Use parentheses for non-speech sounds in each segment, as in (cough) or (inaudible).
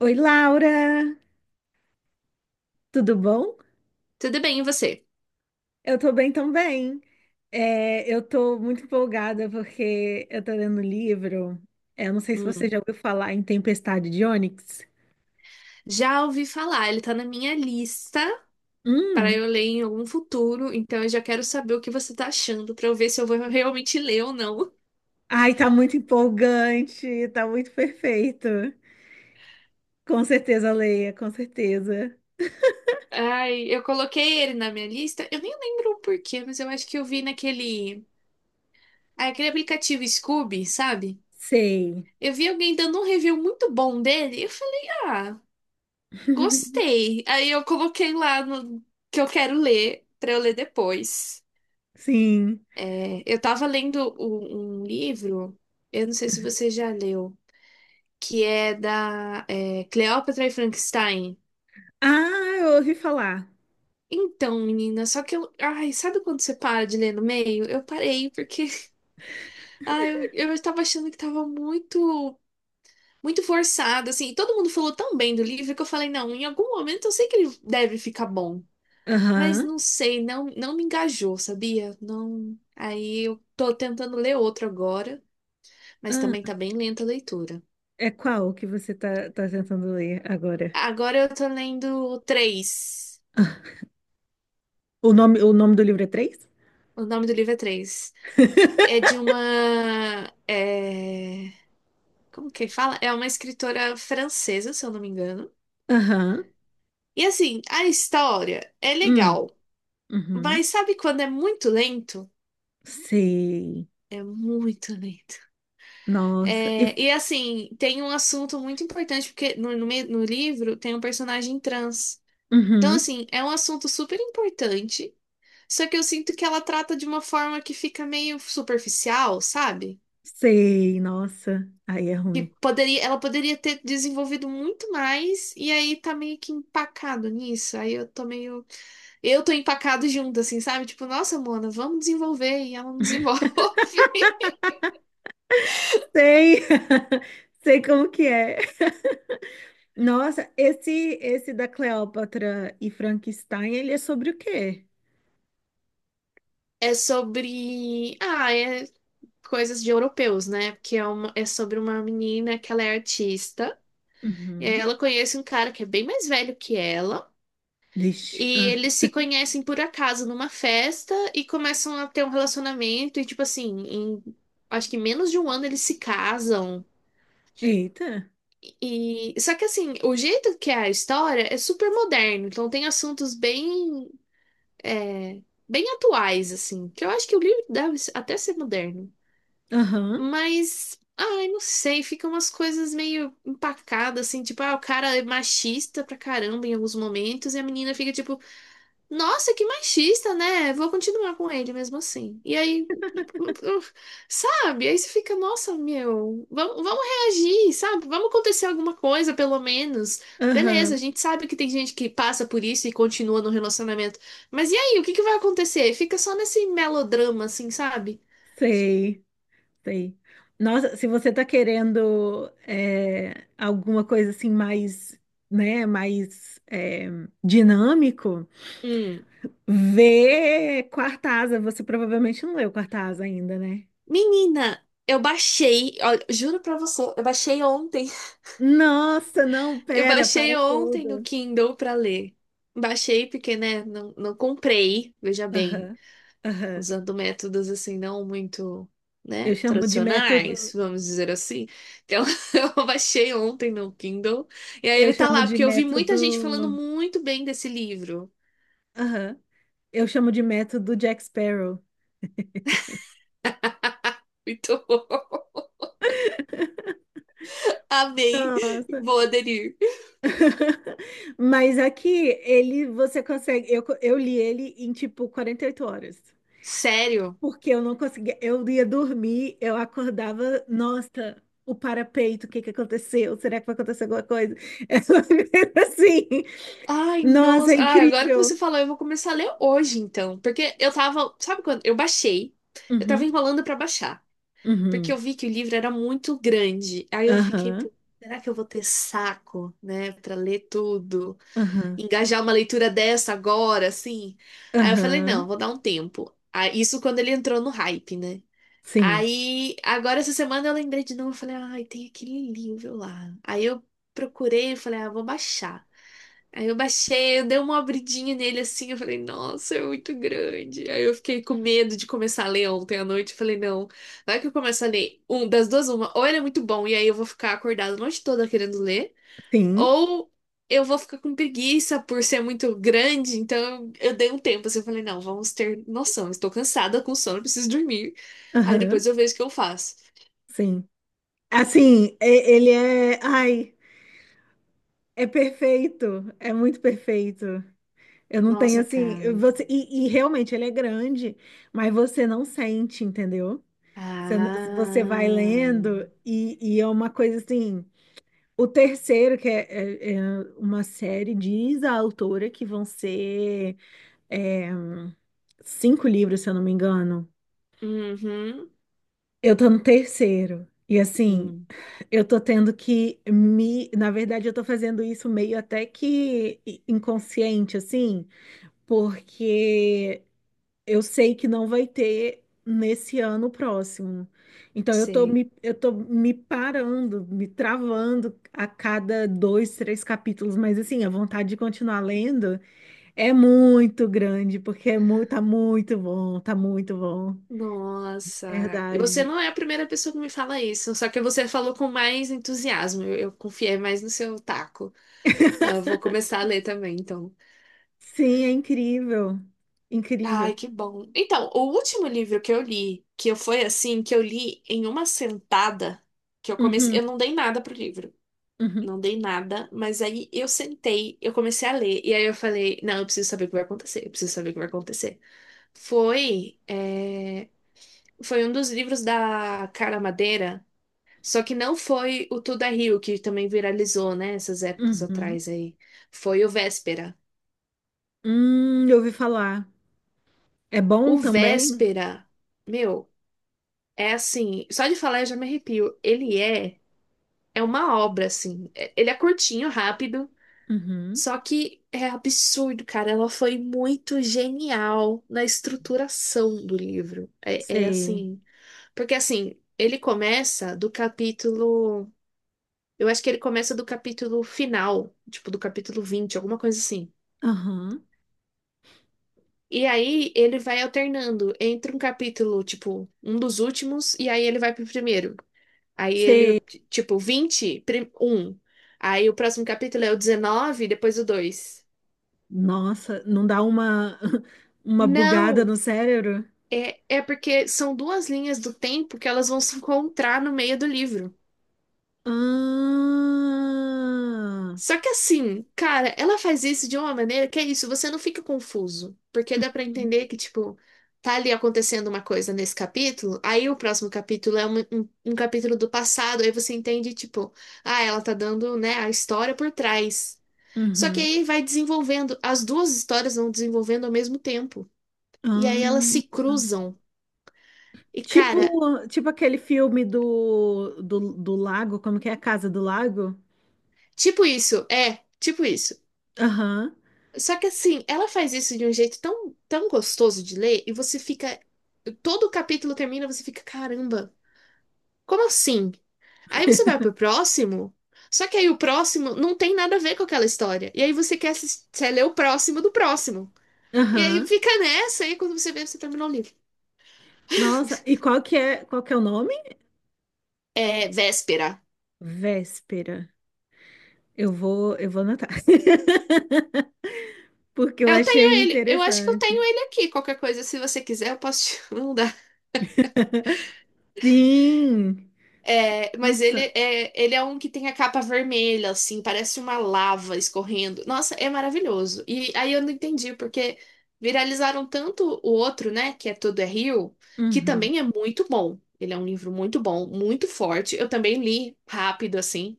Oi, Laura, tudo bom? Tudo bem, e você? Eu tô bem também. Eu tô muito empolgada porque eu tô lendo um livro. Eu não sei se você Hum. já ouviu falar em Tempestade de Ônix. Já ouvi falar, ele tá na minha lista para Hum, eu ler em algum futuro, então eu já quero saber o que você tá achando para eu ver se eu vou realmente ler ou não. ai, tá muito empolgante, tá muito perfeito. Com certeza, leia, com certeza. Ai, eu coloquei ele na minha lista, eu nem lembro o porquê, mas eu acho que eu vi naquele, ah, aquele aplicativo Scoob, sabe? Sei. Eu vi alguém dando um review muito bom dele, e eu falei, ah, (laughs) gostei. Aí eu coloquei lá no que eu quero ler para eu ler depois. Sim. É, eu tava lendo um livro, eu não sei se você já leu, que é da Cleópatra e Frankenstein. Ah, eu ouvi falar. Então, menina, só que eu. Ai, sabe quando você para de ler no meio? Eu parei, porque. (laughs) Ai, eu tava achando que tava muito. Muito forçado, assim. Todo mundo falou tão bem do livro que eu falei, não, em algum momento eu sei que ele deve ficar bom. Mas Aham. não sei, não, não me engajou, sabia? Não. Aí eu tô tentando ler outro agora, mas Ah, também tá bem lenta a leitura. é qual que você tá tentando ler agora? Agora eu tô lendo três. (laughs) O nome do livro é três? O nome do livro é três. É de uma. (laughs) Como que fala? É uma escritora francesa, se eu não me engano. Aham. E assim, a história é Hum. legal, Uhum. mas sabe quando é muito lento? Sei. É muito lento. Nossa. E... E assim, tem um assunto muito importante, porque no livro tem um personagem trans. Então, Uhum. assim, é um assunto super importante. Só que eu sinto que ela trata de uma forma que fica meio superficial, sabe? Sei. Nossa. Aí é Que ruim. poderia, ela poderia ter desenvolvido muito mais, e aí tá meio que empacado nisso. Aí eu tô meio. Eu tô empacado junto, assim, sabe? Tipo, nossa, Mona, vamos desenvolver, e ela não desenvolve. (laughs) Sei. (laughs) Sei como que é. (laughs) Nossa, esse da Cleópatra e Frankenstein, ele é sobre o quê? É sobre. Ah, é coisas de europeus, né? Porque é, é sobre uma menina que ela é artista, e aí Uhum. ela conhece um cara que é bem mais velho que ela. Vixe. E Ah. eles se conhecem por acaso numa festa e começam a ter um relacionamento e tipo assim, em acho que menos de 1 ano eles se casam. Eita. E só que assim, o jeito que é a história é super moderno, então tem assuntos bem é, bem atuais assim, que eu acho que o livro deve até ser moderno. Aham. Mas ai, não sei, ficam umas coisas meio empacadas assim, tipo, ah, o cara é machista pra caramba em alguns momentos e a menina fica tipo nossa, que machista, né? Vou continuar com ele mesmo assim. E aí, sabe? Aí você fica, nossa, meu, vamos, vamos reagir, sabe? Vamos acontecer alguma coisa, pelo menos. Beleza, a Aham. gente sabe que tem gente que passa por isso e continua no relacionamento. Mas e aí, o que que vai acontecer? Fica só nesse melodrama, assim, sabe? Sei. Sei. Nossa, se você tá querendo alguma coisa assim mais, né, mais dinâmico, Hum. vê Quarta Asa. Você provavelmente não leu Quarta Asa ainda, né? Menina, eu baixei, olha, juro pra você, eu baixei ontem. Nossa, não, Eu pera, baixei para ontem no tudo. Kindle pra ler. Baixei porque, né, não, não comprei, veja bem, Aham, aham. usando métodos assim não muito, Eu né, chamo de tradicionais, método, vamos dizer assim. Então, (laughs) eu baixei ontem no Kindle e aí eu ele tá chamo lá de porque eu vi muita gente falando método, muito bem desse livro. aham. Eu chamo de método Jack Sparrow. (laughs) Então, (laughs) amei. Nossa. Vou aderir. (laughs) Mas aqui ele você consegue. Eu li ele em tipo 48 horas. Sério? Porque eu não conseguia. Eu ia dormir, eu acordava, nossa, o parapeito, o que que aconteceu? Será que vai acontecer alguma coisa? É só (laughs) assim. Ai, Nossa, é nossa. Ai, agora que você incrível. falou, eu vou começar a ler hoje, então. Porque eu tava. Sabe quando? Eu baixei. Eu tava Uhum, enrolando pra baixar. Porque eu uhum, vi que o livro era muito grande. Aí eu fiquei, aham, pô, será que eu vou ter saco, né, para ler tudo? aham, Engajar uma leitura dessa agora, assim? Aí eu falei, não, aham. vou dar um tempo. Ah, isso quando ele entrou no hype, né? Sim, Aí, agora essa semana eu lembrei de novo, eu falei, ai, tem aquele livro lá. Aí eu procurei, eu falei, ah, vou baixar. Aí eu baixei, eu dei uma abridinha nele assim, eu falei, nossa, é muito grande. Aí eu fiquei com medo de começar a ler ontem à noite, eu falei, não, vai que eu começo a ler um das duas uma, ou ele é muito bom e aí eu vou ficar acordada a noite toda querendo ler, sim, ou eu vou ficar com preguiça por ser muito grande, então eu dei um tempo, assim, eu falei, não, vamos ter noção, estou cansada com sono, preciso dormir. Aí depois aham, eu vejo o que eu faço. sim. Assim, ele é. Ai, é perfeito. É muito perfeito. Eu não tenho Nossa, assim, eu- cara. você e realmente ele é grande, mas você não sente, entendeu? Você, você vai Ah. lendo e é uma coisa assim. O terceiro, que é uma série, diz a autora que vão ser é, cinco livros, se eu não me engano. Uhum. Eu tô no terceiro. E assim, Hum, eu tô tendo que me. Na verdade, eu tô fazendo isso meio até que inconsciente, assim, porque eu sei que não vai ter nesse ano próximo. Então eu tô sei. me, eu tô me parando, me travando a cada dois, três capítulos, mas assim, a vontade de continuar lendo é muito grande, porque é muito, tá muito bom, tá muito bom. Nossa. Você Verdade. não é a primeira pessoa que me fala isso, só que você falou com mais entusiasmo. Eu confiei mais no seu taco. (laughs) Não, eu vou começar a ler também, então. Sim, é incrível. Incrível. Ai, que bom. Então, o último livro que eu li, que eu foi assim, que eu li em uma sentada, que eu comecei, Uhum, eu não dei nada pro livro. uhum, Não dei nada, mas aí eu sentei, eu comecei a ler, e aí eu falei, não, eu preciso saber o que vai acontecer, eu preciso saber o que vai acontecer. Foi, é, Foi um dos livros da Carla Madeira, só que não foi o Tudo é Rio, que também viralizou, né, essas épocas uhum. atrás aí. Foi o Véspera. Eu ouvi falar. É bom O também? Véspera, meu. É assim, só de falar eu já me arrepio. Ele é, é uma obra, assim. É- Ele é curtinho, rápido, Uhum. só que é absurdo, cara. Ela foi muito genial na estruturação do livro. É, é Sei. assim, porque assim, ele começa do capítulo, eu acho que ele começa do capítulo final, tipo do capítulo 20, alguma coisa assim. Aham. E aí ele vai alternando entre um capítulo, tipo, um dos últimos, e aí ele vai pro primeiro. Aí ele, Sei. tipo, 20 um. Aí o próximo capítulo é o 19, depois o 2. Nossa, não dá uma, (laughs) uma bugada Não, no cérebro? é, é porque são duas linhas do tempo que elas vão se encontrar no meio do livro. Ah, Só que assim, cara, ela faz isso de uma maneira que é isso, você não fica confuso. Porque dá pra entender que, tipo, tá ali acontecendo uma coisa nesse capítulo, aí o próximo capítulo é um capítulo do passado, aí você entende, tipo, ah, ela tá dando, né, a história por trás. Só que uhum. aí vai desenvolvendo, as duas histórias vão desenvolvendo ao mesmo tempo. E aí elas Ah. se cruzam. E cara, Tipo, tipo aquele filme do lago, como que é a Casa do Lago? tipo isso, é, tipo isso. Aham, Só que assim, ela faz isso de um jeito tão, tão gostoso de ler e você fica. Todo o capítulo termina, você fica, caramba, como assim? Aí você vai pro próximo, só que aí o próximo não tem nada a ver com aquela história. E aí você quer, quer ler o próximo do próximo. E aí aham. fica nessa, aí quando você vê, você terminou o livro. Nossa, e qual que é o nome? É véspera. Véspera. Eu vou anotar. (laughs) Porque eu Eu tenho achei ele, eu acho que eu tenho interessante. ele aqui. Qualquer coisa, se você quiser, eu posso te (laughs) mandar. Sim. É, mas Nossa. Ele é um que tem a capa vermelha, assim, parece uma lava escorrendo. Nossa, é maravilhoso. E aí eu não entendi, porque viralizaram tanto o outro, né, que é Tudo é Rio, que Uhum. também é muito bom. Ele é um livro muito bom, muito forte. Eu também li rápido, assim.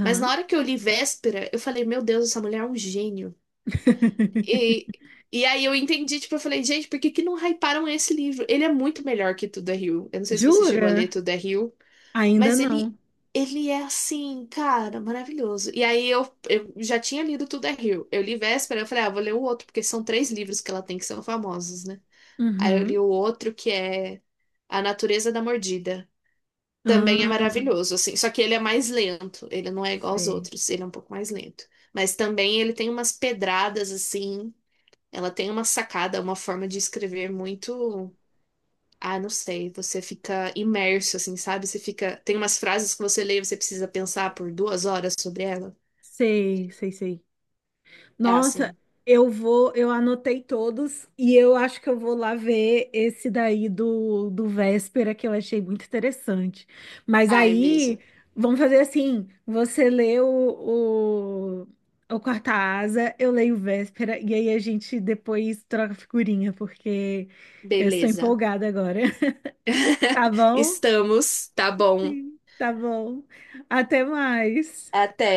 Mas na hora que eu li Véspera, eu falei, meu Deus, essa mulher é um gênio. E, (laughs) e aí eu entendi, tipo, eu falei, gente, por que que não hyparam esse livro? Ele é muito melhor que Tudo é Rio. Eu não sei se você chegou a ler Jura? Tudo é Rio, Ainda mas não. ele é assim, cara, maravilhoso. E aí eu já tinha lido Tudo é Rio. Eu li Véspera, eu falei, ah, vou ler o outro, porque são três livros que ela tem que são famosos, né? Aí eu li Uhum. o outro que é A Natureza da Mordida. Também é Ah, maravilhoso, assim. Só que ele é mais lento. Ele não é igual aos sei. outros. Ele é um pouco mais lento. Mas também ele tem umas pedradas, assim, ela tem uma sacada, uma forma de escrever muito. Ah, não sei. Você fica imerso, assim, sabe? Você fica. Tem umas frases que você lê e você precisa pensar por 2 horas sobre ela. Sei, sei, sei. É Nossa, assim. eu anotei todos e eu acho que eu vou lá ver esse daí do Véspera, que eu achei muito interessante. Mas Ai, aí, mesmo. vamos fazer assim: você lê o Quarta Asa, eu leio o Véspera, e aí a gente depois troca figurinha, porque eu estou Beleza. empolgada agora. (laughs) Tá (laughs) bom? Estamos. Tá bom. Sim, tá bom. Até mais. Até.